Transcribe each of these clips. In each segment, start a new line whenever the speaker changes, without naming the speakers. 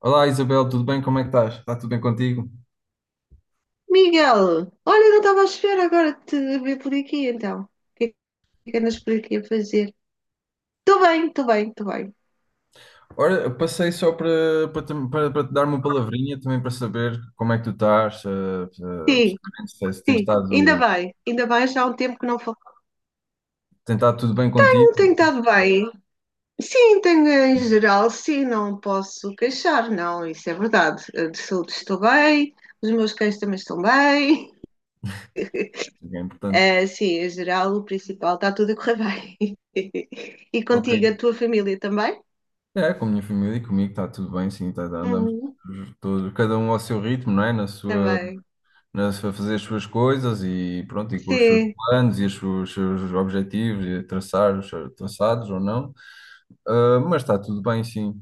Olá Isabel, tudo bem? Como é que estás? Está tudo bem contigo?
Miguel, olha, eu não estava à espera agora de te ver por aqui, então. O que é que andas por aqui a fazer? Estou bem, estou bem, estou bem.
Ora, eu passei só para te dar uma palavrinha também para saber como é que tu estás,
Sim,
pessoalmente, se tens
sim,
estado,
ainda bem, já há um tempo que não falo.
tem estado tudo bem contigo,
Não tenho estado bem. Sim, tenho em geral, sim, não posso queixar, não, isso é verdade. De saúde estou bem, os meus cães também estão bem.
que é importante.
Sim, em geral, o principal está tudo a correr bem. E
Ok.
contigo, a tua família também?
É, com a minha família e comigo está tudo bem, sim, tá, tá, andamos
Uhum,
todos, cada um ao seu ritmo, não é?
está bem.
Na sua, fazer as suas coisas e pronto, e com os seus
Sim,
planos e seus objetivos, e traçar os seus traçados ou não. Ah, mas está tudo bem, sim.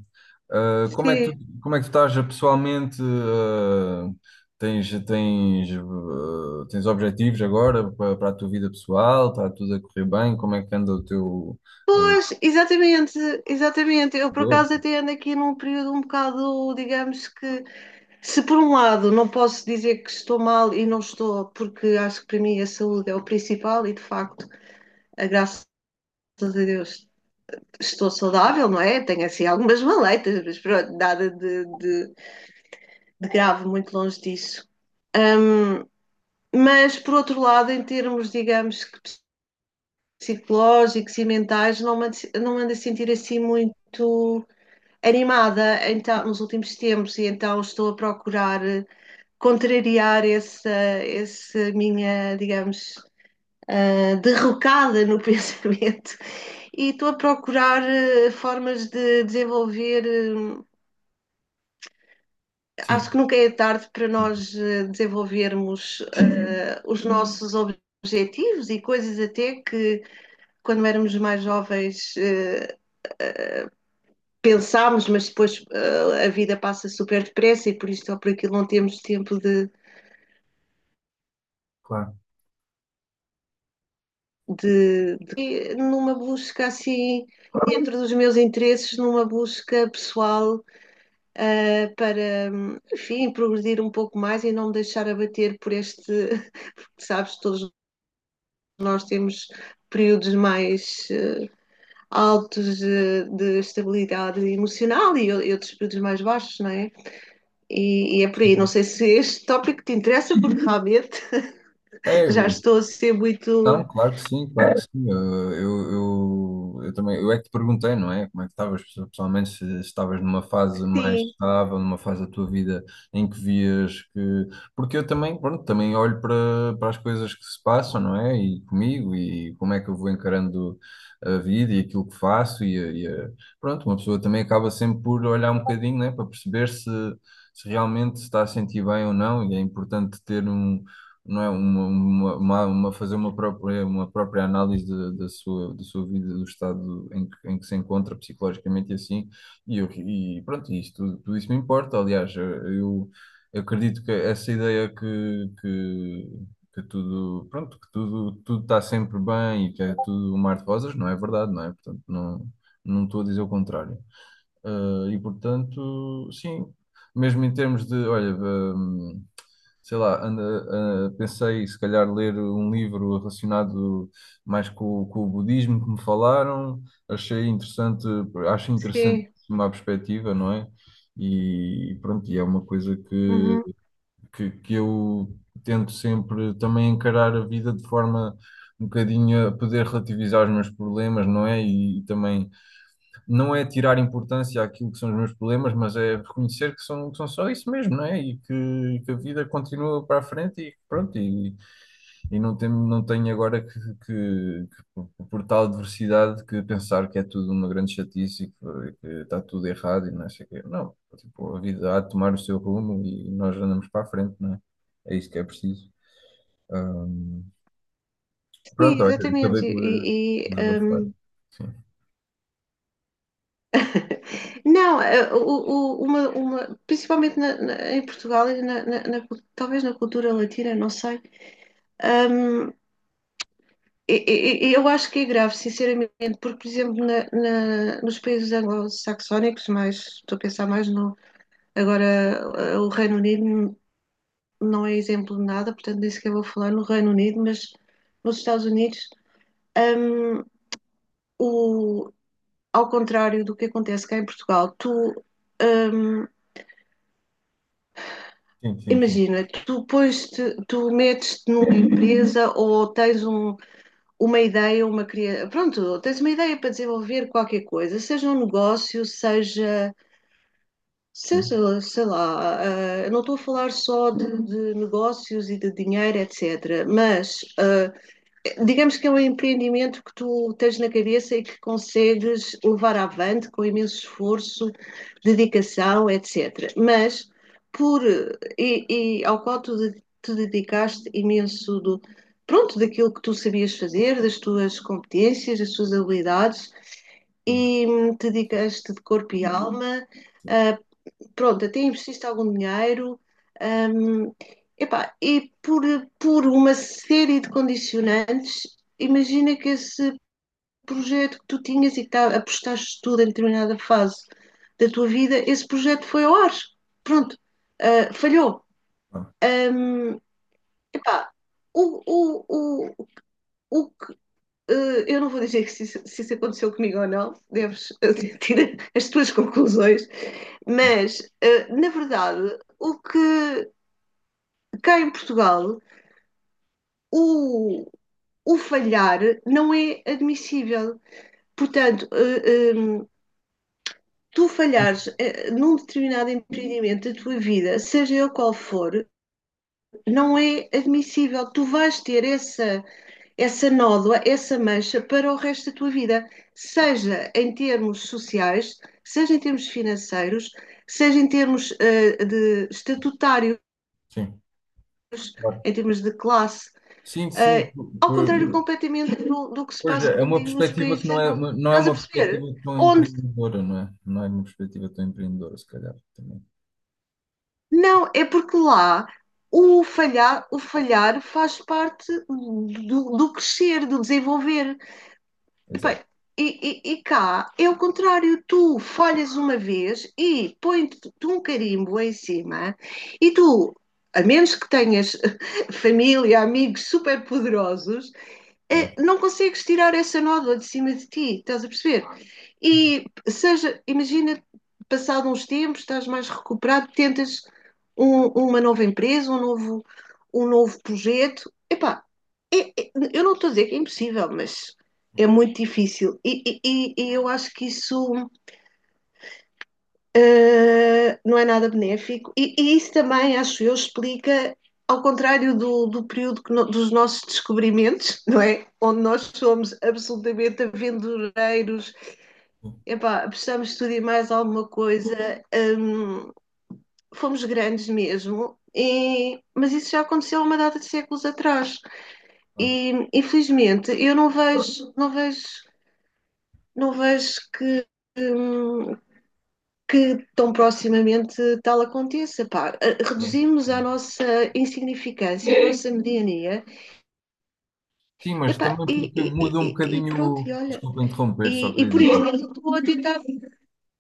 Ah, como é que tu,
sim.
como é que tu estás pessoalmente? Tens objetivos agora para a tua vida pessoal? Está tudo a correr bem? Como é que anda o teu, ah,
Pois, exatamente, exatamente. Eu, por
eu?
acaso, até ando aqui num período um bocado, digamos que, se por um lado não posso dizer que estou mal e não estou, porque acho que para mim a saúde é o principal e, de facto, a graças a Deus estou saudável, não é? Tenho assim algumas maleitas, mas pronto, nada de grave, muito longe disso. Mas, por outro lado, em termos, digamos que psicológicos e mentais, não me ando a sentir assim muito animada então, nos últimos tempos e então estou a procurar contrariar essa, essa minha, digamos, derrocada no pensamento. E estou a procurar formas de desenvolver. Acho que
Sim,
nunca é tarde para nós desenvolvermos os nossos objetivos e coisas até que, quando éramos mais jovens, pensámos, mas depois a vida passa super depressa e por isto ou por aquilo não temos tempo
claro.
numa busca assim, dentro dos meus interesses, numa busca pessoal para, enfim, progredir um pouco mais e não me deixar abater por este, porque sabes, todos nós temos períodos mais altos de estabilidade emocional e, outros períodos mais baixos, não é? E, é por aí. Não sei se este tópico te interessa, porque realmente
É,
já estou a ser muito.
não, claro que sim, claro que sim. Eu também, eu é que te perguntei, não é? Como é que estavas pessoalmente, se se estavas numa fase mais
Sim,
estável, numa fase da tua vida em que vias que. Porque eu também, pronto, também olho para as coisas que se passam, não é? E comigo, e como é que eu vou encarando a vida e aquilo que faço, pronto, uma pessoa também acaba sempre por olhar um bocadinho, né? Para perceber se, se realmente se está a sentir bem ou não, e é importante ter um não é? Fazer uma própria análise da sua vida, do estado em em que se encontra psicologicamente e assim, e pronto, isto, tudo, tudo isso me importa, aliás, eu acredito que essa ideia que tudo, pronto, que tudo, tudo está sempre bem e que é tudo um mar de rosas, não é verdade, não é? Portanto, não, não estou a dizer o contrário. Eh, e portanto, sim, mesmo em termos de, olha, sei lá, anda, ah, pensei se calhar ler um livro relacionado mais com o budismo que me falaram, achei interessante, acho interessante
sim.
uma perspectiva, não é? E, pronto, e é uma coisa que,
uhum.
que, que eu tento sempre também encarar a vida de forma um bocadinho a poder relativizar os meus problemas, não é? E, também não é tirar importância àquilo que são os meus problemas, mas é reconhecer que são só isso mesmo, não é? E que a vida continua para a frente e pronto, e não tem, não tenho agora que por tal adversidade que pensar que é tudo uma grande chatice e que está tudo errado e não sei o quê. Não, tipo, a vida há de tomar o seu rumo e nós andamos para a frente, não é? É isso que é preciso. Ahm,
Sim,
pronto, olha, acabei
exatamente.
por desabafar.
Não, o- uma- principalmente na- na- em Portugal, e na- na- na cul- talvez na cultura latina, não sei. Hum, e eu acho que é grave, sinceramente, porque, por exemplo, na- na- nos países anglo-saxónicos, mas estou a pensar mais no. Agora, o Reino Unido não é exemplo de nada, portanto, nem sequer vou falar no Reino Unido, mas nos Estados Unidos. hum, o, ao contrário do que acontece cá em Portugal, tu hum,
Sim, sim, sim,
imagina, tu pões-te, tu metes-te numa empresa ou tens um, uma ideia, uma criação, pronto, tens uma ideia para desenvolver qualquer coisa, seja um negócio, seja
sim.
seja, sei lá, não estou a falar só de, negócios e de dinheiro, etc., mas digamos que é um empreendimento que tu tens na cabeça e que consegues levar avante com imenso esforço, dedicação, etc. Mas por e, e ao qual tu de- te dedicaste imenso do pronto daquilo que tu sabias fazer, das tuas competências, das tuas habilidades
Sim.
e te dedicaste de corpo e alma, ah, pronto, até investiste algum dinheiro, hum, epá, e por uma série de condicionantes, imagina que esse projeto que tu tinhas e que tá, apostaste tudo em determinada fase da tua vida, esse projeto foi ao ar, pronto, falhou.
Ah,
Hum, Epá, o, o, o, o, eu não vou dizer que se, isso- se isso aconteceu comigo ou não, deves tirar as tuas conclusões, mas na verdade, o que cá em Portugal, o, o falhar não é admissível. Portanto, em, tu falhares num determinado empreendimento da tua vida, seja ele qual for, não é admissível. Tu vais ter essa nódoa, essa mancha para o resto da tua vida, seja em termos sociais, seja em termos financeiros, seja em termos de estatutários,
sim. Claro.
em termos de classe,
Sim, sim,
ao contrário completamente do, do que se
pois
passa,
é, é
como
uma
digo, nos
perspectiva que
países.
não é, uma- não é
Estás a
uma perspectiva
perceber?
tão
Onde
empreendedora, não é? Não é uma perspectiva tão empreendedora, se calhar, também.
não, é porque lá o falhar faz parte do, do crescer, do desenvolver.
Exato.
Epá, e, e cá é o contrário, tu folhas uma vez e põe-te um carimbo em cima, e tu, a menos que tenhas família, amigos super poderosos,
Claro.
não consegues tirar essa nódoa de cima de ti, estás a perceber? E seja, imagina, passado uns tempos, estás mais recuperado, tentas um- uma nova empresa, um novo projeto. Epá, é- é- eu não estou a dizer que é impossível, mas é muito difícil. E- e eu acho que isso não é nada benéfico, e, isso também, acho eu, explica, ao contrário do, do período que no, dos nossos descobrimentos, não é? Onde nós somos absolutamente aventureiros, epá, precisamos estudar mais alguma coisa, um, fomos grandes mesmo. E, mas isso já aconteceu há uma data de séculos atrás
Claro.
e infelizmente eu não vejo hum, que tão proximamente tal aconteça. Pá. Eh,
É.
Reduzimos a nossa insignificância, a nossa mediania,
Sim, mas
epá,
também
e, pá,
porque muda um
e
bocadinho.
pronto,
O-
e olha.
Desculpa interromper, só
E
queria
por isso
dizer.
eu estou a tentar.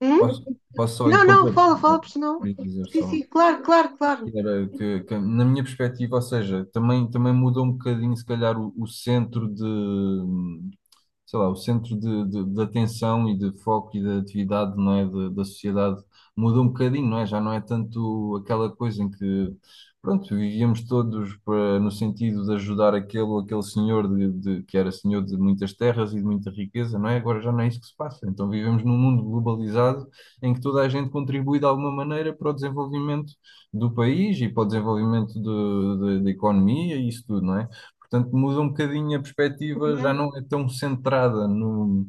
Hum?
Posso, posso só
Não, não,
interromper?
fala, fala, porque senão.
Queria dizer
Sim, sim,
só.
claro, claro, claro.
Que era que, na minha perspectiva, ou seja, também, também mudou um bocadinho, se calhar, o centro de, sei lá, o centro de de atenção e de foco e de atividade, não é, de- da sociedade mudou um bocadinho, não é? Já não é tanto aquela coisa em que, pronto, vivíamos todos para, no sentido de ajudar aquele ou aquele senhor de- que era senhor de muitas terras e de muita riqueza, não é? Agora já não é isso que se passa. Então vivemos num mundo globalizado em que toda a gente contribui de alguma maneira para o desenvolvimento do país e para o desenvolvimento do- da economia e isso tudo, não é? Portanto, muda um bocadinho a perspectiva, já
Uhum.
não é tão centrada no,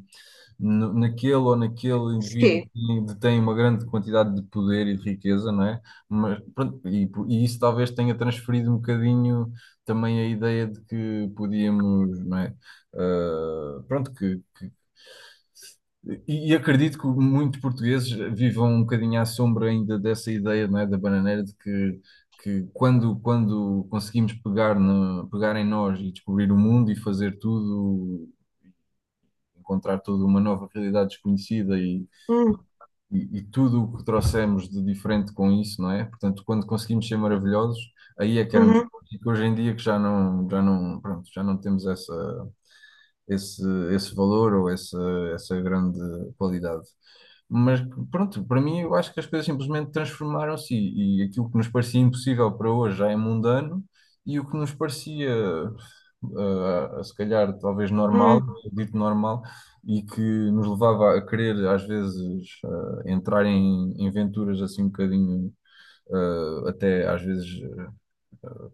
no- naquele ou naquele indivíduo
Sim.
que detém uma grande quantidade de poder e de riqueza, não é? Mas, pronto, e isso talvez tenha transferido um bocadinho também a ideia de que podíamos, não é? Ah, pronto, que e acredito que muitos portugueses vivam um bocadinho à sombra ainda dessa ideia, não é, da bananeira, de que quando conseguimos pegar, no, pegar em nós e descobrir o mundo e fazer tudo, encontrar toda uma nova realidade desconhecida e,
Uhum.
e, e tudo o que trouxemos de diferente com isso, não é? Portanto, quando conseguimos ser maravilhosos, aí é que éramos.
Uhum.
E que hoje em dia que já não, pronto, já não temos essa, esse, esse valor ou essa grande qualidade. Mas pronto, para mim eu acho que as coisas simplesmente transformaram-se e aquilo que nos parecia impossível para hoje já é mundano e o que nos parecia ah, se calhar talvez normal,
hum,
dito normal, e que nos levava a querer às vezes ah, entrar em, em aventuras assim um bocadinho ah, até às vezes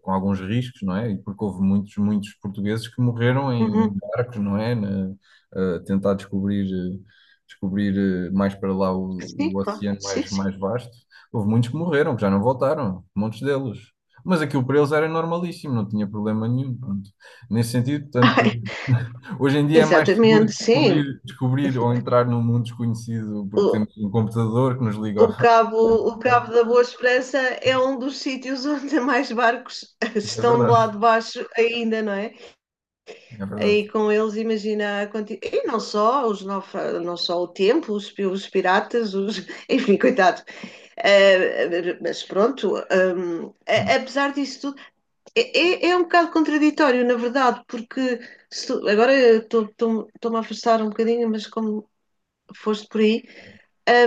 com alguns riscos, não é? E porque houve muitos, muitos portugueses que morreram em, em
Uhum.
barcos, não é? Na, a tentar descobrir eh, mais para lá
Sim,
o
claro,
oceano
sim,
mais,
sim.
mais vasto. Houve muitos que morreram, que já não voltaram, muitos deles. Mas aquilo para eles era normalíssimo, não tinha problema nenhum. Pronto. Nesse sentido, portanto,
Ai,
hoje em dia é mais seguro
exatamente, sim.
descobrir, descobrir ou entrar num mundo desconhecido porque temos um computador que nos liga
O Cabo, o
ao...
Cabo da Boa Esperança é um dos sítios onde mais barcos
É
estão do lado
verdade,
de baixo ainda, não é?
é verdade.
Aí com eles, imagina a quanti- E não só, os naufra- não só o tempo, os, pi- os piratas, os... enfim, coitado. Mas pronto, a- apesar disso tudo, é, é- é um bocado contraditório, na verdade, porque se tu- agora eu estou- estou- estou-me a afastar um bocadinho, mas como foste por aí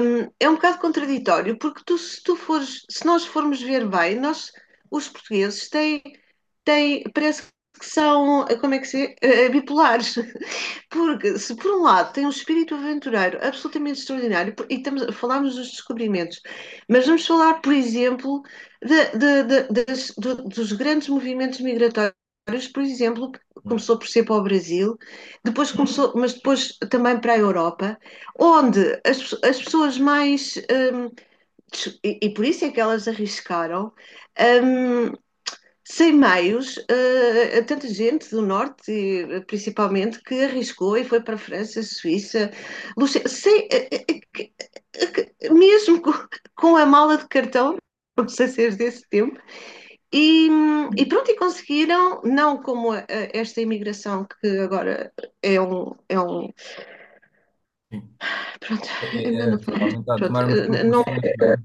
é um bocado contraditório, porque tu, se tu fores, se nós formos ver bem, nós, os portugueses, têm, têm parece que são, como é que se diz, bipolares. Porque, se por um lado tem um espírito aventureiro absolutamente extraordinário, e estamos, falámos dos descobrimentos, mas vamos falar, por exemplo, de- das- do- dos grandes movimentos migratórios, por exemplo, começou por ser para o Brasil, depois começou, mas depois também para a Europa, onde as pessoas mais. hum, e, e por isso é que elas arriscaram. hum, Sem meios, a tanta gente do norte, principalmente, que arriscou e foi para a França, Suíça, Luxem- sem, que- que- mesmo com a mala de cartão, os aceiros desse tempo, e pronto, e conseguiram, não como a- esta imigração que agora é um pronto,
É,
é melhor
é,
não
é,
falar, mas
realmente está a
pronto,
tomar umas
não.
proporções, não é?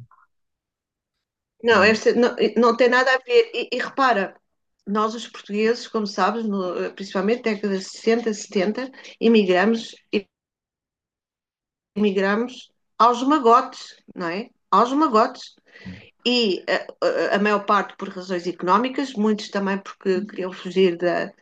Não, esta
Realmente,
não, não tem nada a ver. E repara, nós os portugueses, como sabes, no, principalmente na década de 60, 70, emigramos, imigramos aos magotes, não é? Aos magotes.
sim,
E a maior parte por razões económicas, muitos também porque queriam fugir da,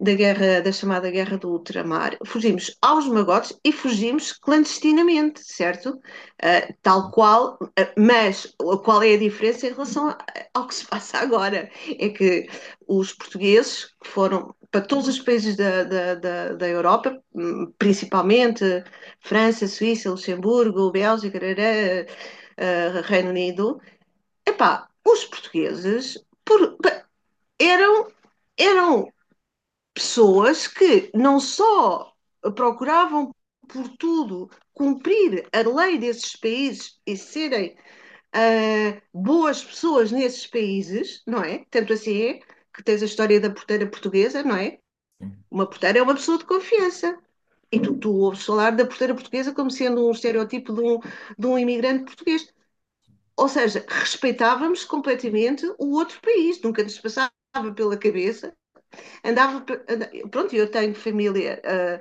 da guerra, da chamada guerra do ultramar, fugimos aos magotes e fugimos clandestinamente, certo? Ah, tal
sim,
qual, ah, mas qual é a diferença em relação a- ao que se passa agora? É que os portugueses que foram para todos os países da Europa, principalmente França, Suíça, Luxemburgo, Bélgica, rará, Reino Unido, epá, os portugueses por- eram eram pessoas que não só procuravam por tudo cumprir a lei desses países e serem boas pessoas nesses países, não é? Tanto assim é que tens a história da porteira portuguesa, não é?
sim.
Uma porteira é uma pessoa de confiança. E tu, tu ouves falar da porteira portuguesa como sendo um estereótipo de um imigrante português. Ou seja, respeitávamos completamente o outro país, nunca nos passava pela cabeça andava, pronto, eu tenho família ah,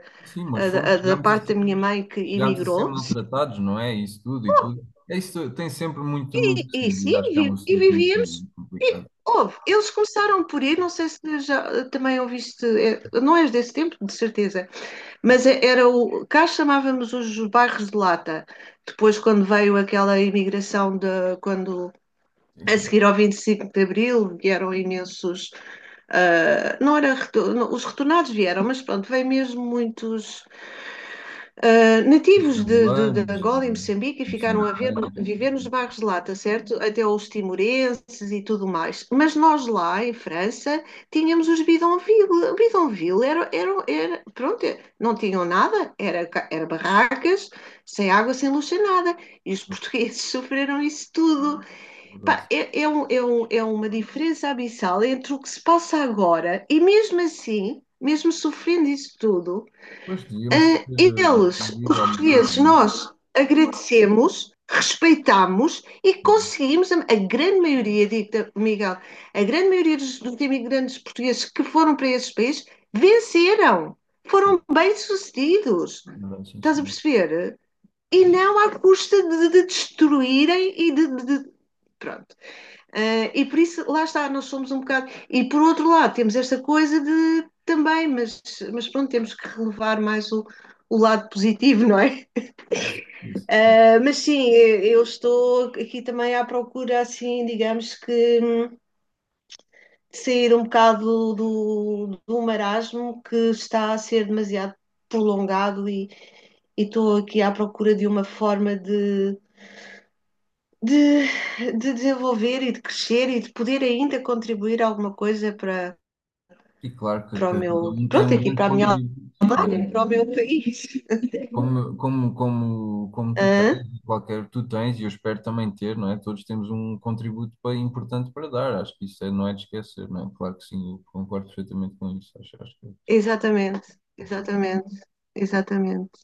Mas
ah, da
fomos,
ah, da parte da minha mãe que
chegámos a ser
emigrou
maltratados, não é? Isso tudo e tudo. É isso, tem sempre muito, muito que se
e
dizer.
sim,
Acho que é um
vi- e
assunto
vivíamos.
muito
E,
complicado.
houve, eles começaram por ir, não sei se já também ouviste, é, não és desse tempo, de certeza, mas é- era o, cá chamávamos os bairros de lata. Depois, quando veio aquela imigração de, quando
Sim,
a
sim.
seguir ao 25 de Abril vieram imensos, não era, retor- não, os retornados vieram, mas pronto, veio mesmo muitos Uh,
E
nativos de
Angolanos
Angola e
e
Moçambique e ficaram a ver-
moçambicanos. E
viver nos
tudo,
bairros de lata, certo? Até os timorenses e tudo mais. Mas nós lá em França tínhamos os bidonville. Bidonville era, era, era- pronto, é, não tinham nada, era, era barracas, sem água, sem luz, sem nada. E os portugueses sofreram isso tudo.
é
Pá,
verdade.
é, é um- é um- é uma diferença abissal entre o que se passa agora e mesmo assim, mesmo sofrendo isso tudo,
Pois, devíamos que ter
eles, os
eh, alguma coisa,
portugueses,
não
nós agradecemos, respeitamos e conseguimos, a grande maioria, dita Miguel, a grande maioria dos, dos imigrantes portugueses que foram para esses países venceram,
é?
foram bem-sucedidos.
Não é, sim,
Estás a
senhor.
perceber? E não à custa de destruírem e de- pronto. E por isso, lá está, nós somos um bocado. E por outro lado, temos esta coisa de também, mas pronto, temos que relevar mais o lado positivo, não é?
Isso, é isso, é isso.
Mas sim, eu estou aqui também à procura, assim, digamos que sair um bocado do, do marasmo que está a ser demasiado prolongado e, estou aqui à procura de uma forma de, de desenvolver e de crescer e de poder ainda contribuir alguma coisa para
E claro que
para o
cada
meu.
um tem
Pronto,
um
aqui
grande
para a minha
contributo, não é?
para o meu país.
Como tu tens,
Hã?
e qualquer tu tens, e eu espero também ter, não é? Todos temos um contributo pa- importante para dar, acho que isso é- não é de esquecer, não é? Claro que sim, eu concordo perfeitamente com isso, acho, acho que é
Exatamente, exatamente, exatamente.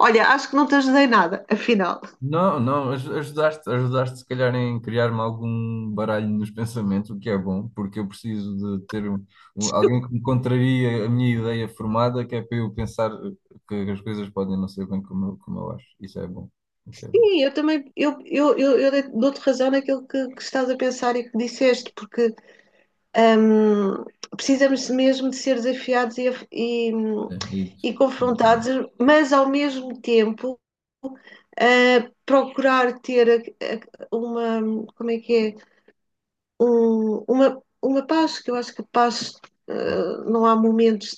Olha, acho que não te ajudei nada, afinal.
não, não, aj- ajudaste, ajudaste se calhar em criar-me algum baralho nos pensamentos, o que é bom, porque eu preciso de ter um- um- alguém que me contraria a minha ideia formada, que é para eu pensar que as coisas podem não ser bem como eu acho, isso é bom,
Sim, eu também eu dou-te razão naquilo que estás a pensar e que disseste, porque hum, precisamos mesmo de ser desafiados
é, é isso.
e confrontados, mas ao mesmo tempo. Procurar ter a- uma, como é que é? Um- uma paz, que eu acho que paz,
Claro.
não há momentos.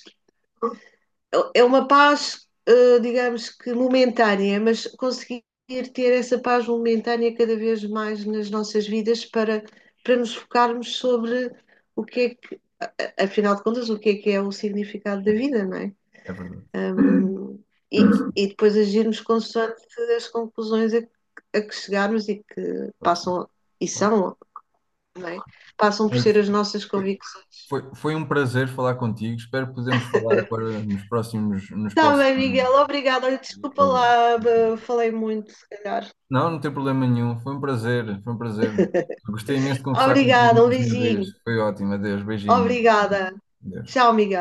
É uma paz, digamos que momentânea, mas conseguir ter essa paz momentânea cada vez mais nas nossas vidas para, para nos focarmos sobre o que é que, afinal de contas, o que é o significado da vida, não é?
É verdade.
Um, e,
É sim,
e depois agirmos consoante as conclusões a que chegarmos e que
claro que sim.
passam, e
Claro.
são, não é? Passam por
Olha,
ser as nossas
foi,
convicções.
foi, foi um prazer falar contigo. Espero que podermos falar agora nos
Tá
próximos
bem,
dias.
Miguel, obrigada. Olha, desculpa
Ou-
lá, falei muito, se calhar.
não, não tem problema nenhum. Foi um prazer, foi um prazer. Gostei imenso de conversar contigo
Obrigada, um
mais uma vez.
beijinho.
Foi ótimo. Adeus, beijinhos.
Obrigada.
Adeus.
Tchau, Miguel.